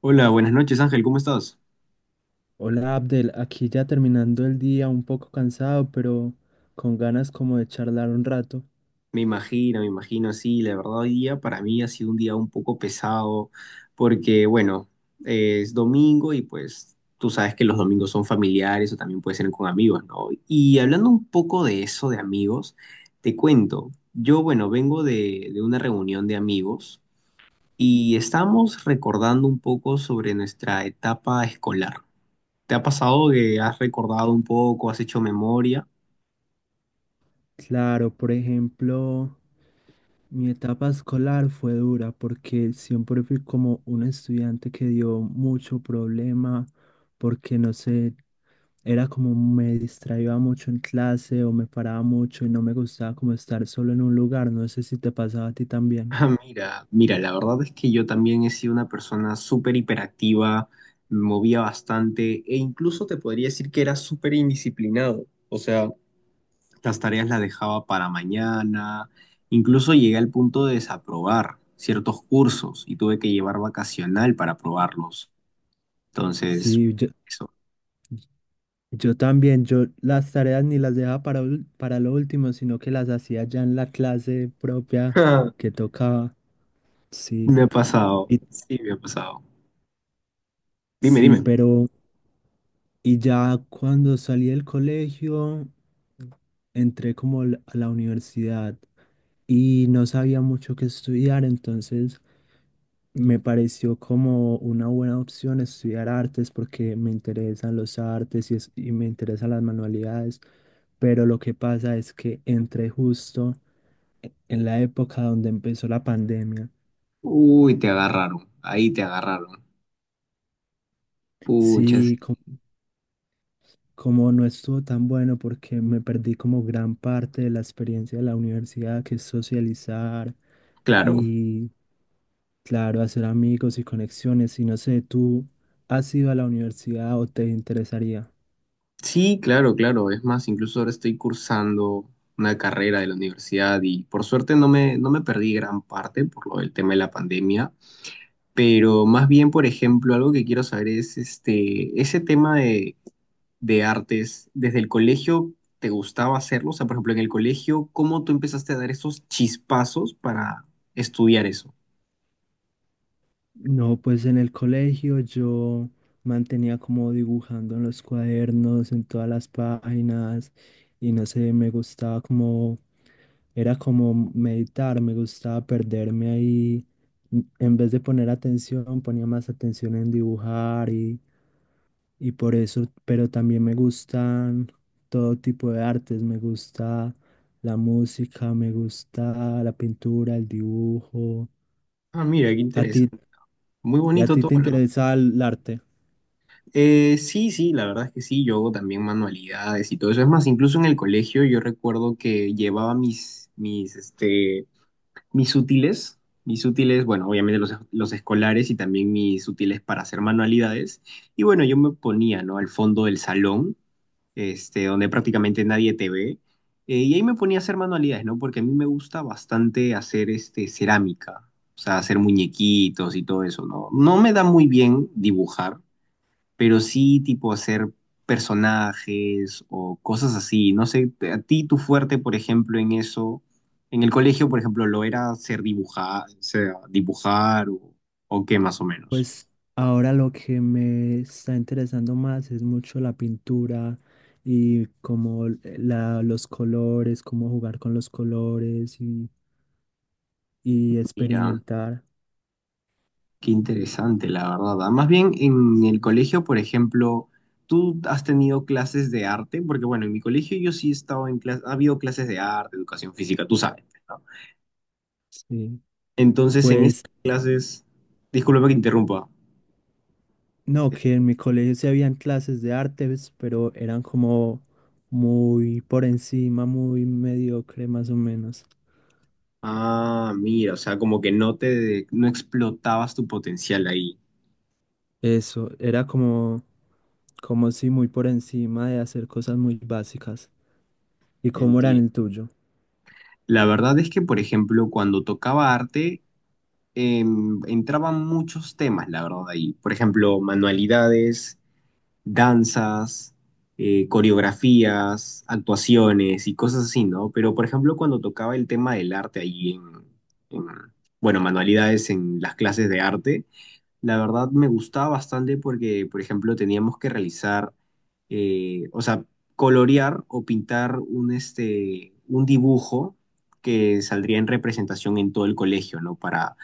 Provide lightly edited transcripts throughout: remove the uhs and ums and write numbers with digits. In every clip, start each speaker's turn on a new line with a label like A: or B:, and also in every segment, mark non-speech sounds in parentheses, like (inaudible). A: Hola, buenas noches Ángel, ¿cómo estás?
B: Hola Abdel, aquí ya terminando el día, un poco cansado, pero con ganas como de charlar un rato.
A: Me imagino, sí, la verdad hoy día para mí ha sido un día un poco pesado porque, bueno, es domingo y pues tú sabes que los domingos son familiares o también pueden ser con amigos, ¿no? Y hablando un poco de eso, de amigos, te cuento, yo, bueno, vengo de una reunión de amigos y estamos recordando un poco sobre nuestra etapa escolar. ¿Te ha pasado que has recordado un poco, has hecho memoria?
B: Claro, por ejemplo, mi etapa escolar fue dura porque siempre fui como un estudiante que dio mucho problema, porque no sé, era como me distraía mucho en clase o me paraba mucho y no me gustaba como estar solo en un lugar. No sé si te pasaba a ti también.
A: Ah, mira, mira, la verdad es que yo también he sido una persona súper hiperactiva, me movía bastante e incluso te podría decir que era súper indisciplinado. O sea, las tareas las dejaba para mañana, incluso llegué al punto de desaprobar ciertos cursos y tuve que llevar vacacional para aprobarlos. Entonces,
B: Sí,
A: eso.
B: yo también, yo las tareas ni las dejaba para lo último, sino que las hacía ya en la clase propia
A: (laughs)
B: que tocaba. Sí,
A: Me ha pasado,
B: y,
A: sí, me ha pasado. Dime,
B: sí,
A: dime.
B: pero y ya cuando salí del colegio, entré como a la universidad y no sabía mucho qué estudiar, entonces me pareció como una buena opción estudiar artes porque me interesan los artes y me interesan las manualidades, pero lo que pasa es que entré justo en la época donde empezó la pandemia.
A: Uy, te agarraron, ahí te agarraron. Puchas,
B: Sí, como no estuvo tan bueno porque me perdí como gran parte de la experiencia de la universidad, que es socializar
A: claro.
B: y, claro, hacer amigos y conexiones. Y no sé, ¿tú has ido a la universidad o te interesaría?
A: Sí, claro, claro. Es más, incluso ahora estoy cursando una carrera de la universidad y por suerte no me perdí gran parte por lo del tema de la pandemia, pero más bien, por ejemplo, algo que quiero saber es este, ese tema de artes, ¿desde el colegio te gustaba hacerlo? O sea, por ejemplo, en el colegio, ¿cómo tú empezaste a dar esos chispazos para estudiar eso?
B: No, pues en el colegio yo mantenía como dibujando en los cuadernos, en todas las páginas, y no sé, me gustaba como era como meditar, me gustaba perderme ahí. En vez de poner atención, ponía más atención en dibujar y por eso, pero también me gustan todo tipo de artes, me gusta la música, me gusta la pintura, el dibujo.
A: Ah, mira, qué
B: ¿A ti
A: interesante. Muy
B: y a
A: bonito
B: ti
A: todo.
B: te interesa el arte?
A: Sí, sí, la verdad es que sí, yo hago también manualidades y todo eso. Es más, incluso en el colegio yo recuerdo que llevaba mis, mis útiles, bueno, obviamente los escolares y también mis útiles para hacer manualidades. Y bueno, yo me ponía, ¿no? Al fondo del salón, este, donde prácticamente nadie te ve. Y ahí me ponía a hacer manualidades, ¿no? Porque a mí me gusta bastante hacer, este, cerámica, o sea, hacer muñequitos y todo eso, ¿no? No me da muy bien dibujar, pero sí tipo hacer personajes o cosas así. No sé, a ti tu fuerte, por ejemplo, en eso, en el colegio, por ejemplo, lo era hacer dibujar, o sea, o qué más o menos.
B: Pues ahora lo que me está interesando más es mucho la pintura y como la, los colores, cómo jugar con los colores y
A: Mira,
B: experimentar.
A: qué interesante, la verdad. Ah, más bien en el
B: Sí.
A: colegio, por ejemplo, ¿tú has tenido clases de arte? Porque bueno, en mi colegio yo sí he estado en clases, ha habido clases de arte, educación física, tú sabes, ¿no?
B: Sí.
A: Entonces, en esas
B: Pues
A: clases, discúlpame que interrumpa.
B: no, que en mi colegio sí habían clases de artes, pero eran como muy por encima, muy mediocre más o menos.
A: Ah, mira, o sea, como que no explotabas tu potencial ahí,
B: Eso, era como, como si muy por encima de hacer cosas muy básicas. ¿Y cómo era en
A: entiendo.
B: el tuyo?
A: La verdad es que, por ejemplo, cuando tocaba arte, entraban muchos temas, la verdad, ahí. Por ejemplo, manualidades, danzas, coreografías, actuaciones y cosas así, ¿no? Pero, por ejemplo, cuando tocaba el tema del arte ahí en- bueno, manualidades en las clases de arte, la verdad me gustaba bastante porque, por ejemplo, teníamos que realizar, o sea, colorear o pintar un, este, un dibujo que saldría en representación en todo el colegio, ¿no?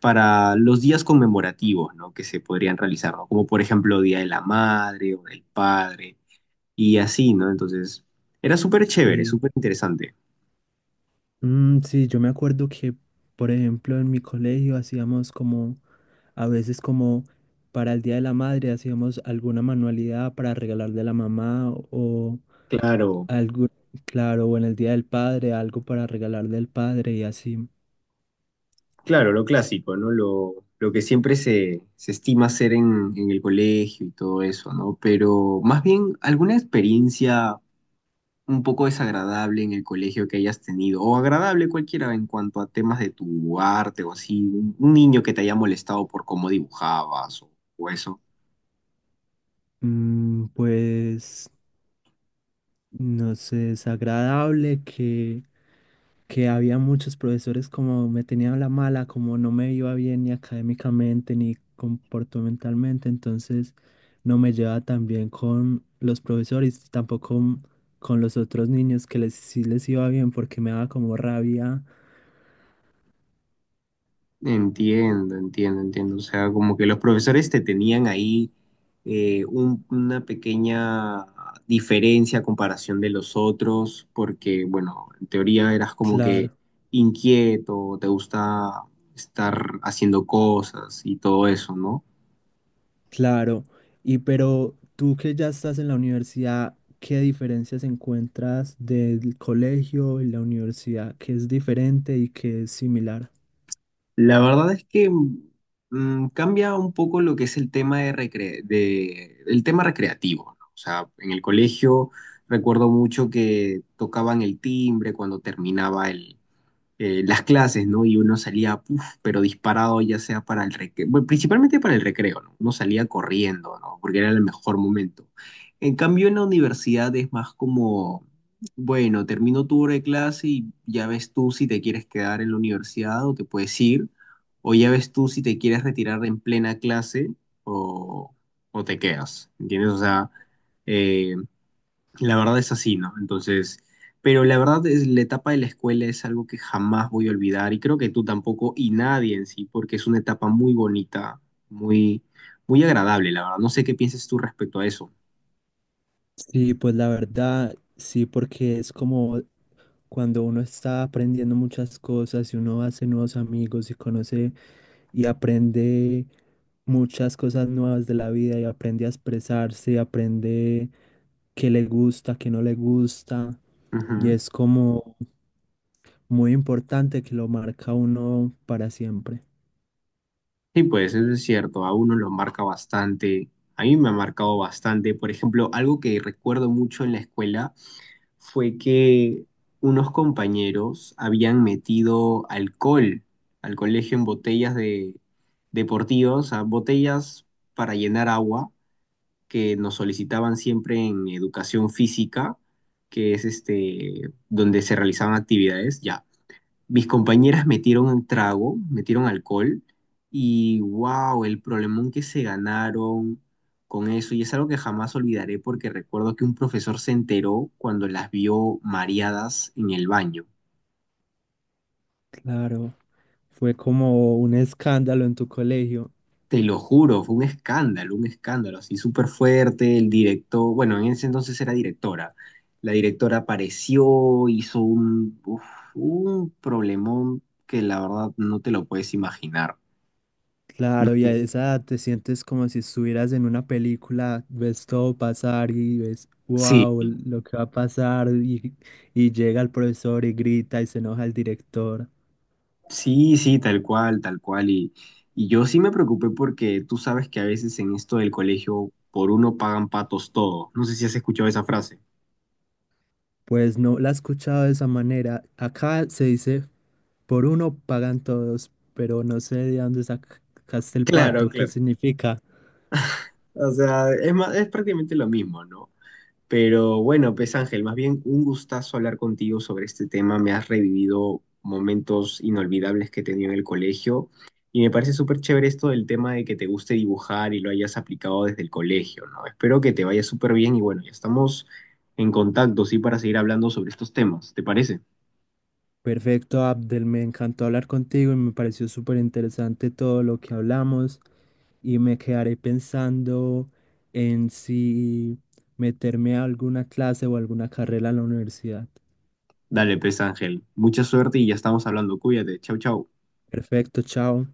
A: Para los días conmemorativos, ¿no? Que se podrían realizar, ¿no? Como por ejemplo Día de la Madre o del Padre y así, ¿no? Entonces, era súper chévere,
B: Sí.
A: súper interesante.
B: Sí, yo me acuerdo que, por ejemplo, en mi colegio hacíamos como, a veces como para el Día de la Madre hacíamos alguna manualidad para regalarle a la mamá o
A: Claro,
B: algo, claro, o en el Día del Padre, algo para regalarle al padre y así.
A: claro, lo clásico, ¿no? Lo que se estima hacer en el colegio y todo eso, ¿no? Pero más bien, ¿alguna experiencia un poco desagradable en el colegio que hayas tenido? O agradable cualquiera en cuanto a temas de tu arte o así, un niño que te haya molestado por cómo o eso.
B: Pues, no sé, es agradable que había muchos profesores como me tenían la mala, como no me iba bien ni académicamente ni comportamentalmente, entonces no me llevaba tan bien con los profesores, tampoco con, con los otros niños que les, sí les iba bien porque me daba como rabia,
A: Entiendo, entiendo, entiendo. O sea, como que los profesores te tenían ahí una pequeña diferencia a comparación de los otros, porque, bueno, en teoría eras como que
B: claro.
A: inquieto, te gusta estar haciendo cosas y todo eso, ¿no?
B: Claro, y pero tú que ya estás en la universidad, ¿qué diferencias encuentras del colegio y la universidad? ¿Qué es diferente y qué es similar?
A: La verdad es que cambia un poco lo que es el tema de el tema recreativo, ¿no? O sea, en el colegio recuerdo mucho que tocaban el timbre cuando terminaba las clases, ¿no? Y uno salía, puf, pero disparado ya sea para el recreo, bueno, principalmente para el recreo, ¿no? Uno salía corriendo, ¿no? Porque era el mejor momento. En cambio, en la universidad es más como, bueno, termino tu hora de clase y ya ves tú si te quieres quedar en la universidad o te puedes ir, o ya ves tú si te quieres retirar en plena clase o, o te quedas, ¿entiendes? O sea, eh, la verdad es así, ¿no? Entonces, pero la verdad es la etapa de la escuela es algo que jamás voy a olvidar y creo que tú tampoco y nadie en sí, porque es una etapa muy bonita, muy, muy agradable, la verdad. No sé qué piensas tú respecto a eso.
B: Sí, pues la verdad, sí, porque es como cuando uno está aprendiendo muchas cosas y uno hace nuevos amigos y conoce y aprende muchas cosas nuevas de la vida y aprende a expresarse, aprende qué le gusta, qué no le gusta. Y
A: Ujú.
B: es como, muy importante que lo marca uno para siempre.
A: Sí, pues eso es cierto, a uno lo marca bastante, a mí me ha marcado bastante. Por ejemplo, algo que recuerdo mucho en la escuela fue que unos compañeros habían metido alcohol al colegio en botellas de deportivas, o sea, botellas para llenar agua que nos solicitaban siempre en educación física, que es este donde se realizaban actividades. Ya, mis compañeras metieron un trago, metieron alcohol y wow, el problemón que se ganaron con eso. Y es algo que jamás olvidaré porque recuerdo que un profesor se enteró cuando las vio mareadas en el baño.
B: Claro, fue como un escándalo en tu colegio.
A: Te lo juro, fue un escándalo así súper fuerte. El director, bueno, en ese entonces era directora. La directora apareció, hizo un, uf, un problemón que la verdad no te lo puedes imaginar.
B: Claro, y a esa edad te sientes como si estuvieras en una película, ves todo pasar y ves,
A: Sí.
B: wow, lo que va a pasar y llega el profesor y grita y se enoja el director.
A: Sí, sí, tal cual, tal cual. Y yo sí me preocupé porque tú sabes que a veces en esto del colegio por uno pagan patos todos. No sé si has escuchado esa frase.
B: Pues no la he escuchado de esa manera. Acá se dice, por uno pagan todos, pero no sé de dónde sacaste el
A: Claro,
B: pato, ¿qué
A: claro.
B: significa?
A: O sea, es más, es prácticamente lo mismo, ¿no? Pero bueno, pues Ángel, más bien un gustazo hablar contigo sobre este tema. Me has revivido momentos inolvidables que he tenido en el colegio y me parece súper chévere esto del tema de que te guste dibujar y lo hayas aplicado desde el colegio, ¿no? Espero que te vaya súper bien y bueno, ya estamos en contacto, sí, para seguir hablando sobre estos temas, ¿te parece?
B: Perfecto, Abdel, me encantó hablar contigo y me pareció súper interesante todo lo que hablamos y me quedaré pensando en si meterme a alguna clase o alguna carrera en la universidad.
A: Dale, pues Ángel, mucha suerte y ya estamos hablando. Cuídate, chau, chau.
B: Perfecto, chao.